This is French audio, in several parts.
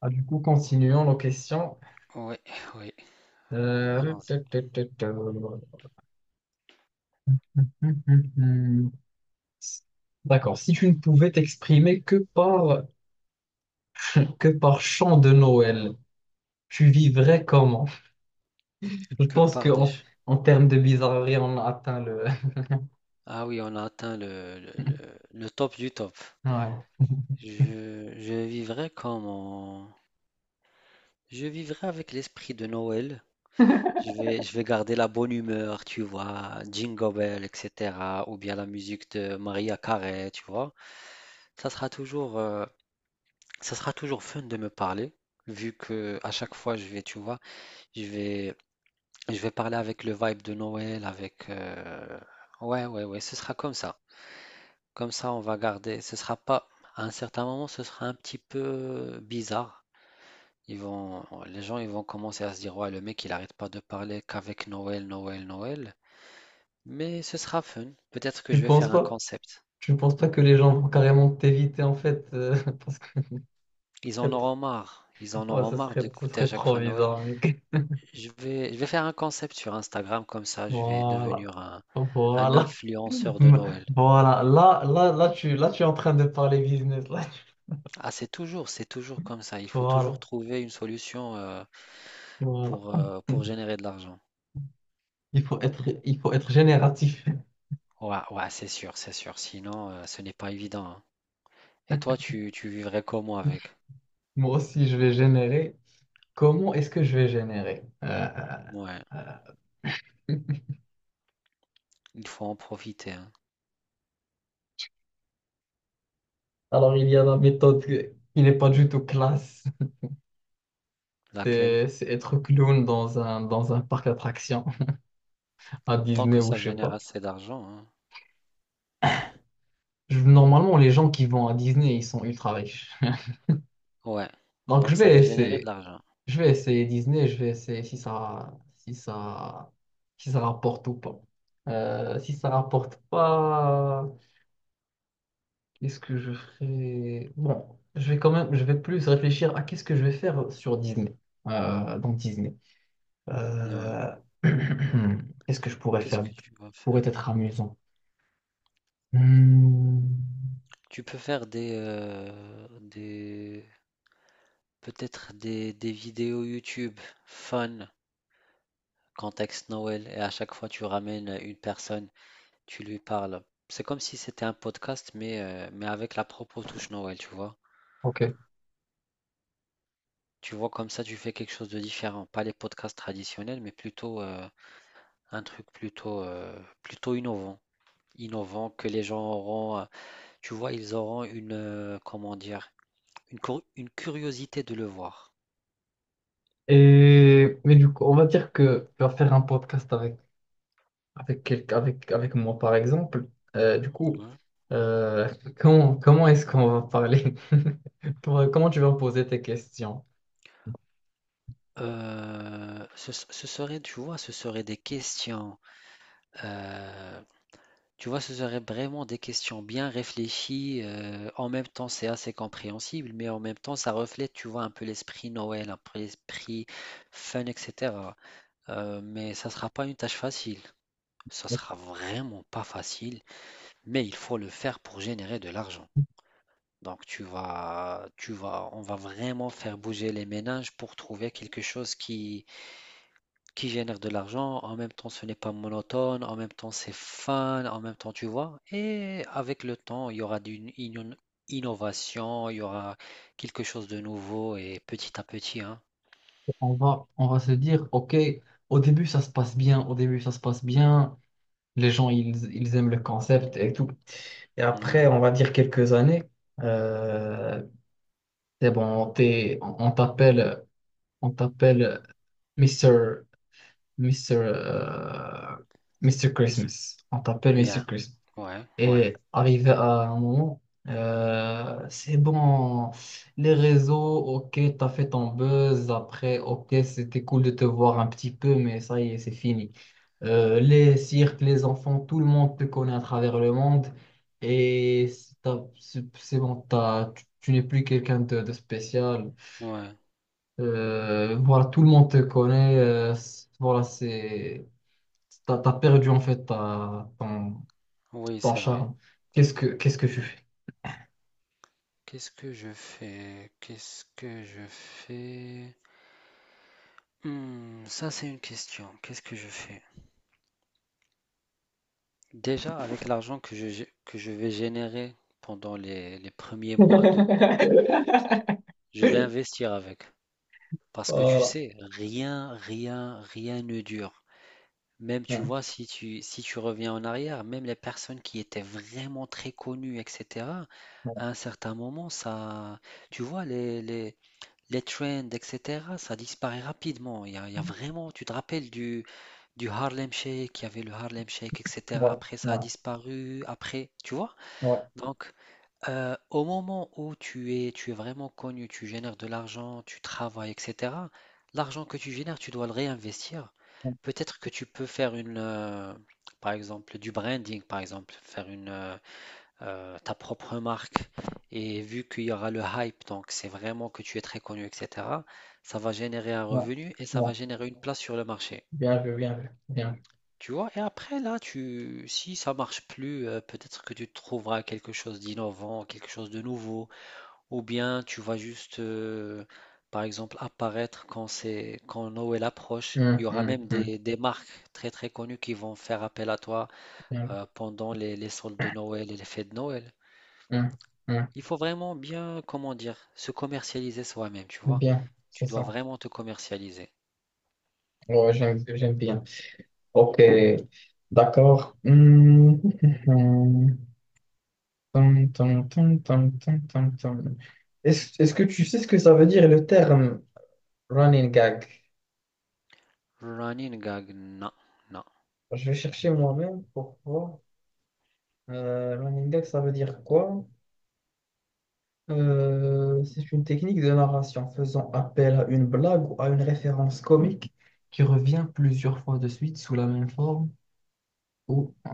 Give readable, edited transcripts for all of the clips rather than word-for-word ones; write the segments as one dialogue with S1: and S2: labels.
S1: Ah, du coup, continuons nos questions.
S2: Oui, oui, allons-y.
S1: Ta, ta, ta, ta. Hum, hum. D'accord. Si tu ne pouvais t'exprimer que par que par chant de Noël, tu vivrais comment? Je
S2: Que
S1: pense que
S2: par des...
S1: en,
S2: ch-
S1: en termes de bizarrerie, on a atteint le.
S2: Ah oui, on a atteint le top du top.
S1: Ouais.
S2: Je, je vivrai comme en- Je vivrai avec l'esprit de Noël. Je vais garder la bonne humeur, tu vois, Jingle Bell, etc. Ou bien la musique de Maria Carey, tu vois. Ça sera toujours, euh, ça sera toujours fun de me parler, vu que à chaque fois je vais, tu vois, je vais, je vais parler avec le vibe de Noël, ouais, ouais, ouais, ce sera comme ça. Comme ça, on va garder. Ce sera pas... à un certain moment, ce sera un petit peu bizarre. Les gens, ils vont commencer à se dire, ouais, le mec, il n'arrête pas de parler qu'avec Noël, Noël, Noël. Mais ce sera fun. Peut-être que
S1: Tu ne
S2: je vais
S1: penses
S2: faire un
S1: pas?
S2: concept.
S1: Tu ne penses pas que les gens vont carrément t'éviter en fait parce que ce
S2: Ils en
S1: trop,
S2: auront marre. Ils en
S1: ouais,
S2: auront
S1: ce
S2: marre
S1: serait, ce
S2: d'écouter à
S1: serait
S2: chaque
S1: trop
S2: fois Noël.
S1: bizarre, mec.
S2: Je vais faire un concept sur Instagram, comme ça, je vais
S1: Voilà.
S2: devenir un
S1: Voilà.
S2: influenceur de Noël.
S1: Voilà, là, tu es en train de parler business. Là, tu-
S2: Ah, c'est toujours comme ça. Il faut toujours
S1: Voilà,
S2: trouver une solution
S1: voilà.
S2: pour générer de l'argent.
S1: Il faut être génératif.
S2: Ouais, ouais, c'est sûr, c'est sûr. Sinon, ce n'est pas évident, hein. Et toi, tu vivrais comment avec?
S1: Moi aussi, je vais générer. Comment est-ce que je vais générer?
S2: Ouais,
S1: Euh.
S2: il faut en profiter, hein.
S1: Alors, il y a la méthode qui n'est pas du tout classe.
S2: Laquelle?
S1: C'est être clown dans un parc d'attractions à
S2: Tant
S1: Disney
S2: que
S1: ou
S2: ça
S1: je sais
S2: génère
S1: pas.
S2: assez d'argent, hein.
S1: Je- Normalement, les gens qui vont à Disney, ils sont ultra riches.
S2: Ouais,
S1: Donc, je
S2: donc ça
S1: vais
S2: va générer de
S1: essayer.
S2: l'argent.
S1: Je vais essayer Disney, je vais essayer si ça rapporte ou pas. Si ça rapporte pas, qu'est-ce que je ferai? Bon, je vais plus réfléchir à qu'est-ce que je vais faire sur Disney, dans Disney.
S2: Ouais.
S1: Euh, qu'est-ce que je pourrais
S2: Qu'est-ce
S1: faire?
S2: que
S1: Qui
S2: tu vas
S1: pourrait
S2: faire?
S1: être amusant. Hmm,
S2: Tu peux faire des peut-être des vidéos YouTube fun. Contexte Noël et à chaque fois tu ramènes une personne, tu lui parles. C'est comme si c'était un podcast, mais avec la propre touche Noël, tu vois.
S1: ok.
S2: Tu vois, comme ça, tu fais quelque chose de différent. Pas les podcasts traditionnels, mais plutôt un truc plutôt innovant. Innovant que les gens tu vois, ils comment dire, une curiosité de le voir,
S1: Et mais du coup, on va dire que tu vas faire un podcast avec avec, avec moi, par exemple. Euh, du coup,
S2: hein.
S1: euh, comment, comment est-ce qu'on va parler? Toi, comment tu vas poser tes questions?
S2: Ce serait, tu vois, ce serait des questions, euh, tu vois, ce serait vraiment des questions bien réfléchies. En même temps, c'est assez compréhensible, mais en même temps, ça reflète, tu vois, un peu l'esprit Noël, un peu l'esprit fun, etc. Mais ça sera pas une tâche facile. Ça sera vraiment pas facile, mais il faut le faire pour générer de l'argent. Donc, on va vraiment faire bouger les ménages pour trouver quelque chose qui génère de l'argent, en même temps ce n'est pas monotone, en même temps c'est fun, en même temps tu vois, et avec le temps il y aura innovation, il y aura quelque chose de nouveau et petit à petit, hein.
S1: On va se dire, OK, au début, ça se passe bien, au début, ça se passe bien, les gens, ils aiment le concept et tout. Et après,
S2: Ouais,
S1: on va dire quelques années, euh, c'est bon, t'es- on t'appelle, on t'appelle Mister Mister euh, Mr.
S2: c'est
S1: Christmas. On t'appelle Mister
S2: bien,
S1: Christmas.
S2: ouais, ouais,
S1: Et arrivé à un moment, c'est bon, les réseaux, ok, t'as fait ton buzz, après, ok, c'était cool de te voir un petit peu, mais ça y est, c'est fini. Les cirques, les enfants, tout le monde te connaît à travers le monde, et c'est t'as- c'est bon, t'as- tu n'es plus quelqu'un de spécial.
S2: ouais,
S1: Voilà, tout le monde te connaît, c'est- voilà, c'est, t'as perdu en fait ta- ton,
S2: oui
S1: ton
S2: c'est vrai.
S1: charme. Qu'est-ce que tu fais?
S2: Qu'est-ce que je fais? Qu'est-ce que je fais? Hmm, ça c'est une question, qu'est-ce que je fais? Déjà avec l'argent que que je vais générer pendant les premiers mois de... Je vais investir avec. Parce que tu
S1: Voilà.
S2: sais, rien ne dure. Même tu
S1: Hum,
S2: vois, si si tu reviens en arrière, même les personnes qui étaient vraiment très connues, etc., à un certain moment, ça, tu vois, les trends, etc., ça disparaît rapidement. Il y a vraiment, tu te rappelles du Harlem Shake, il y avait le Harlem Shake, etc.
S1: voilà.
S2: Après,
S1: Ouais,
S2: ça
S1: ouais,
S2: a disparu, après, tu vois?
S1: ouais,
S2: Donc, au moment où tu es vraiment connu, tu génères de l'argent, tu travailles, etc., l'argent que tu génères, tu dois le réinvestir.
S1: ouais,
S2: Peut-être que tu peux faire par exemple, du branding, par exemple, faire ta propre marque. Et vu qu'il y aura le hype, donc c'est vraiment que tu es très connu, etc., ça va générer un
S1: ouais,
S2: revenu et ça
S1: ouais.
S2: va générer une place sur le marché.
S1: Bien vu, bien vu, bien vu.
S2: Tu vois, et après là, tu, si ça marche plus, peut-être que tu trouveras quelque chose d'innovant, quelque chose de nouveau. Ou bien tu vas par exemple, apparaître quand c'est, quand Noël approche. Il y
S1: Hum,
S2: aura
S1: hum,
S2: même
S1: hum,
S2: des marques très très connues qui vont faire appel à toi
S1: bien,
S2: pendant les soldes de Noël et les fêtes de Noël.
S1: hum, hum.
S2: Il faut vraiment bien, comment dire, se commercialiser soi-même, tu vois.
S1: Bien, c'est
S2: Tu dois
S1: ça.
S2: vraiment te commercialiser.
S1: Ouais, j'aime bien. Ok, d'accord. Tum, tum, tum, tum, tum, tum, tum. Est-ce que tu sais ce que ça veut dire le terme running gag?
S2: Running gag, non, non.
S1: Je vais chercher moi-même pour pourquoi. Running gag, ça veut dire quoi? C'est une technique de narration faisant appel à une blague ou à une référence comique qui revient plusieurs fois de suite sous la même forme. Ou, euh,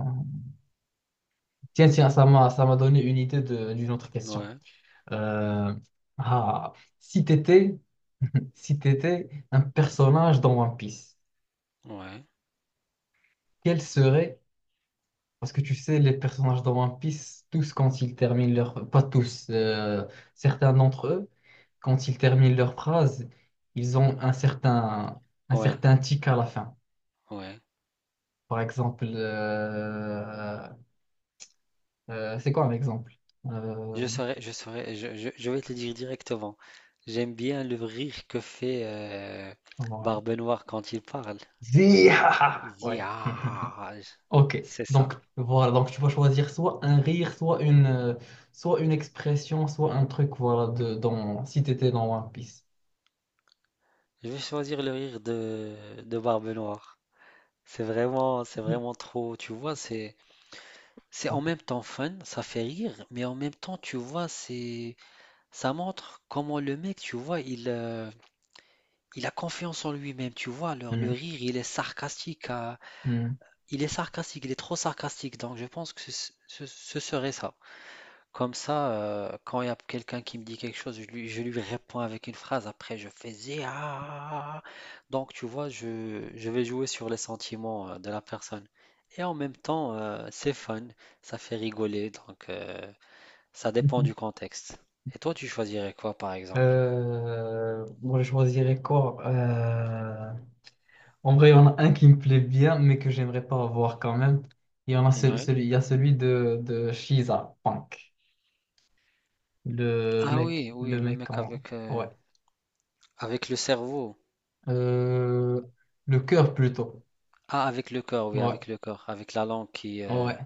S1: Tiens, tiens, ça m'a donné une idée de- d'une autre question.
S2: Ouais,
S1: Euh, ah, si t'étais, si t'étais un personnage dans One Piece,
S2: ouais,
S1: quel serait parce que tu sais, les personnages dans One Piece, tous quand ils terminent leur... Pas tous, certains d'entre eux, quand ils terminent leur phrase, ils ont un
S2: ouais,
S1: certain tic à la fin.
S2: ouais.
S1: Par exemple, c'est quoi un exemple? Euh,
S2: Je saurais, je saurais, je vais te le dire directement. J'aime bien le rire que fait
S1: voilà.
S2: Barbe Noire quand il parle.
S1: Zihaha.
S2: Il
S1: Ouais.
S2: Ah,
S1: Ok.
S2: c'est ça.
S1: Donc voilà. Donc tu vas choisir soit un rire, soit une expression, soit un truc. Voilà. De dans si t'étais dans One Piece.
S2: Je vais choisir le rire de Barbe Noire. C'est vraiment trop, tu vois, c'est en
S1: Ok.
S2: même temps fun, ça fait rire, mais en même temps, tu vois, c'est, ça montre comment le mec, tu vois, il a confiance en lui-même, tu vois. Alors, le
S1: Hmm,
S2: rire, il est sarcastique à...
S1: hmm.
S2: Il est sarcastique, il est trop sarcastique, donc je pense que ce serait ça. Comme ça, quand il y a quelqu'un qui me dit quelque chose, je lui réponds avec une phrase, après je fais zia. Donc tu vois, je vais jouer sur les sentiments de la personne. Et en même temps, c'est fun, ça fait rigoler, ça dépend du contexte. Et toi, tu choisirais quoi par exemple?
S1: Moi, je choisirais quoi? En vrai, il y en a un qui me plaît bien, mais que j'aimerais pas avoir quand même. Il y en a
S2: Ouais.
S1: il y a celui de Shiza Punk.
S2: Ah oui, oui,
S1: Le
S2: le
S1: mec
S2: mec
S1: en... Ouais.
S2: avec le cerveau.
S1: Euh, le cœur plutôt.
S2: Ah, avec le cœur, oui,
S1: Ouais,
S2: avec le cœur, avec la langue qui...
S1: ouais.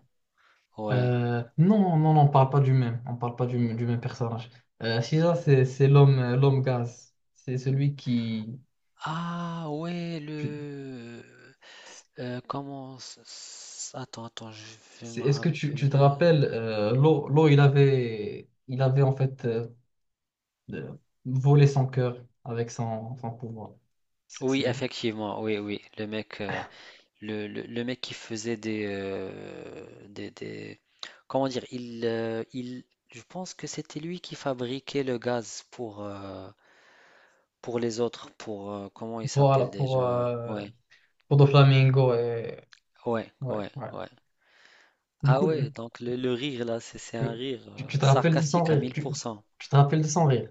S2: Ouais.
S1: Non, non, non, on parle pas du même. On parle pas du, du même personnage. Shiza, c'est l'homme, l'homme gaz. C'est celui qui...
S2: Ah ouais, comment... attends, attends, je vais
S1: C'est-
S2: me
S1: est-ce que tu te
S2: rappeler.
S1: rappelles, Lo, il avait en fait euh, volé son cœur avec son, son pouvoir. C'est
S2: Oui,
S1: lui.
S2: effectivement, oui, oui. Le mec qui faisait comment dire? Il... Je pense que c'était lui qui fabriquait le gaz pour les autres, pour... comment il
S1: Voilà,
S2: s'appelle déjà? Ouais,
S1: pour Doflamingo. Et...
S2: ouais,
S1: Ouais,
S2: ouais,
S1: ouais.
S2: ouais.
S1: Du
S2: Ah
S1: coup,
S2: ouais, donc le rire là, c'est un
S1: le-
S2: rire
S1: tu te rappelles de son
S2: sarcastique à
S1: rire.
S2: mille
S1: Tu,
S2: pour cent
S1: tu te rappelles de son rire.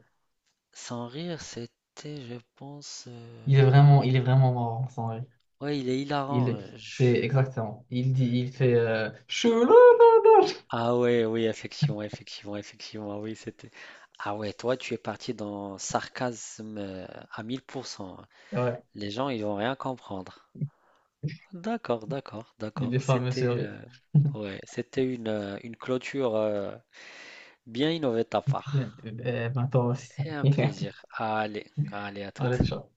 S2: Sans rire, c'était, je pense,
S1: Il est vraiment marrant, son rire.
S2: ouais, il est
S1: Il,
S2: hilarant,
S1: est- c'est
S2: je...
S1: exactement. Il dit, il fait Chouloulou.
S2: Ah ouais, oui, effectivement, effectivement, effectivement, ah oui, c'était... Ah ouais, toi, tu es parti dans sarcasme, à 100%, hein.
S1: Ouais,
S2: Les gens, ils vont rien comprendre. D'accord, d'accord,
S1: il
S2: d'accord.
S1: est fameux, ce
S2: C'était,
S1: rire.
S2: ouais, c'était une clôture, bien innovée de ta
S1: Bien,
S2: part
S1: eh ben, toi aussi.
S2: et un plaisir. Allez, allez, à toutes.
S1: Allez, ciao.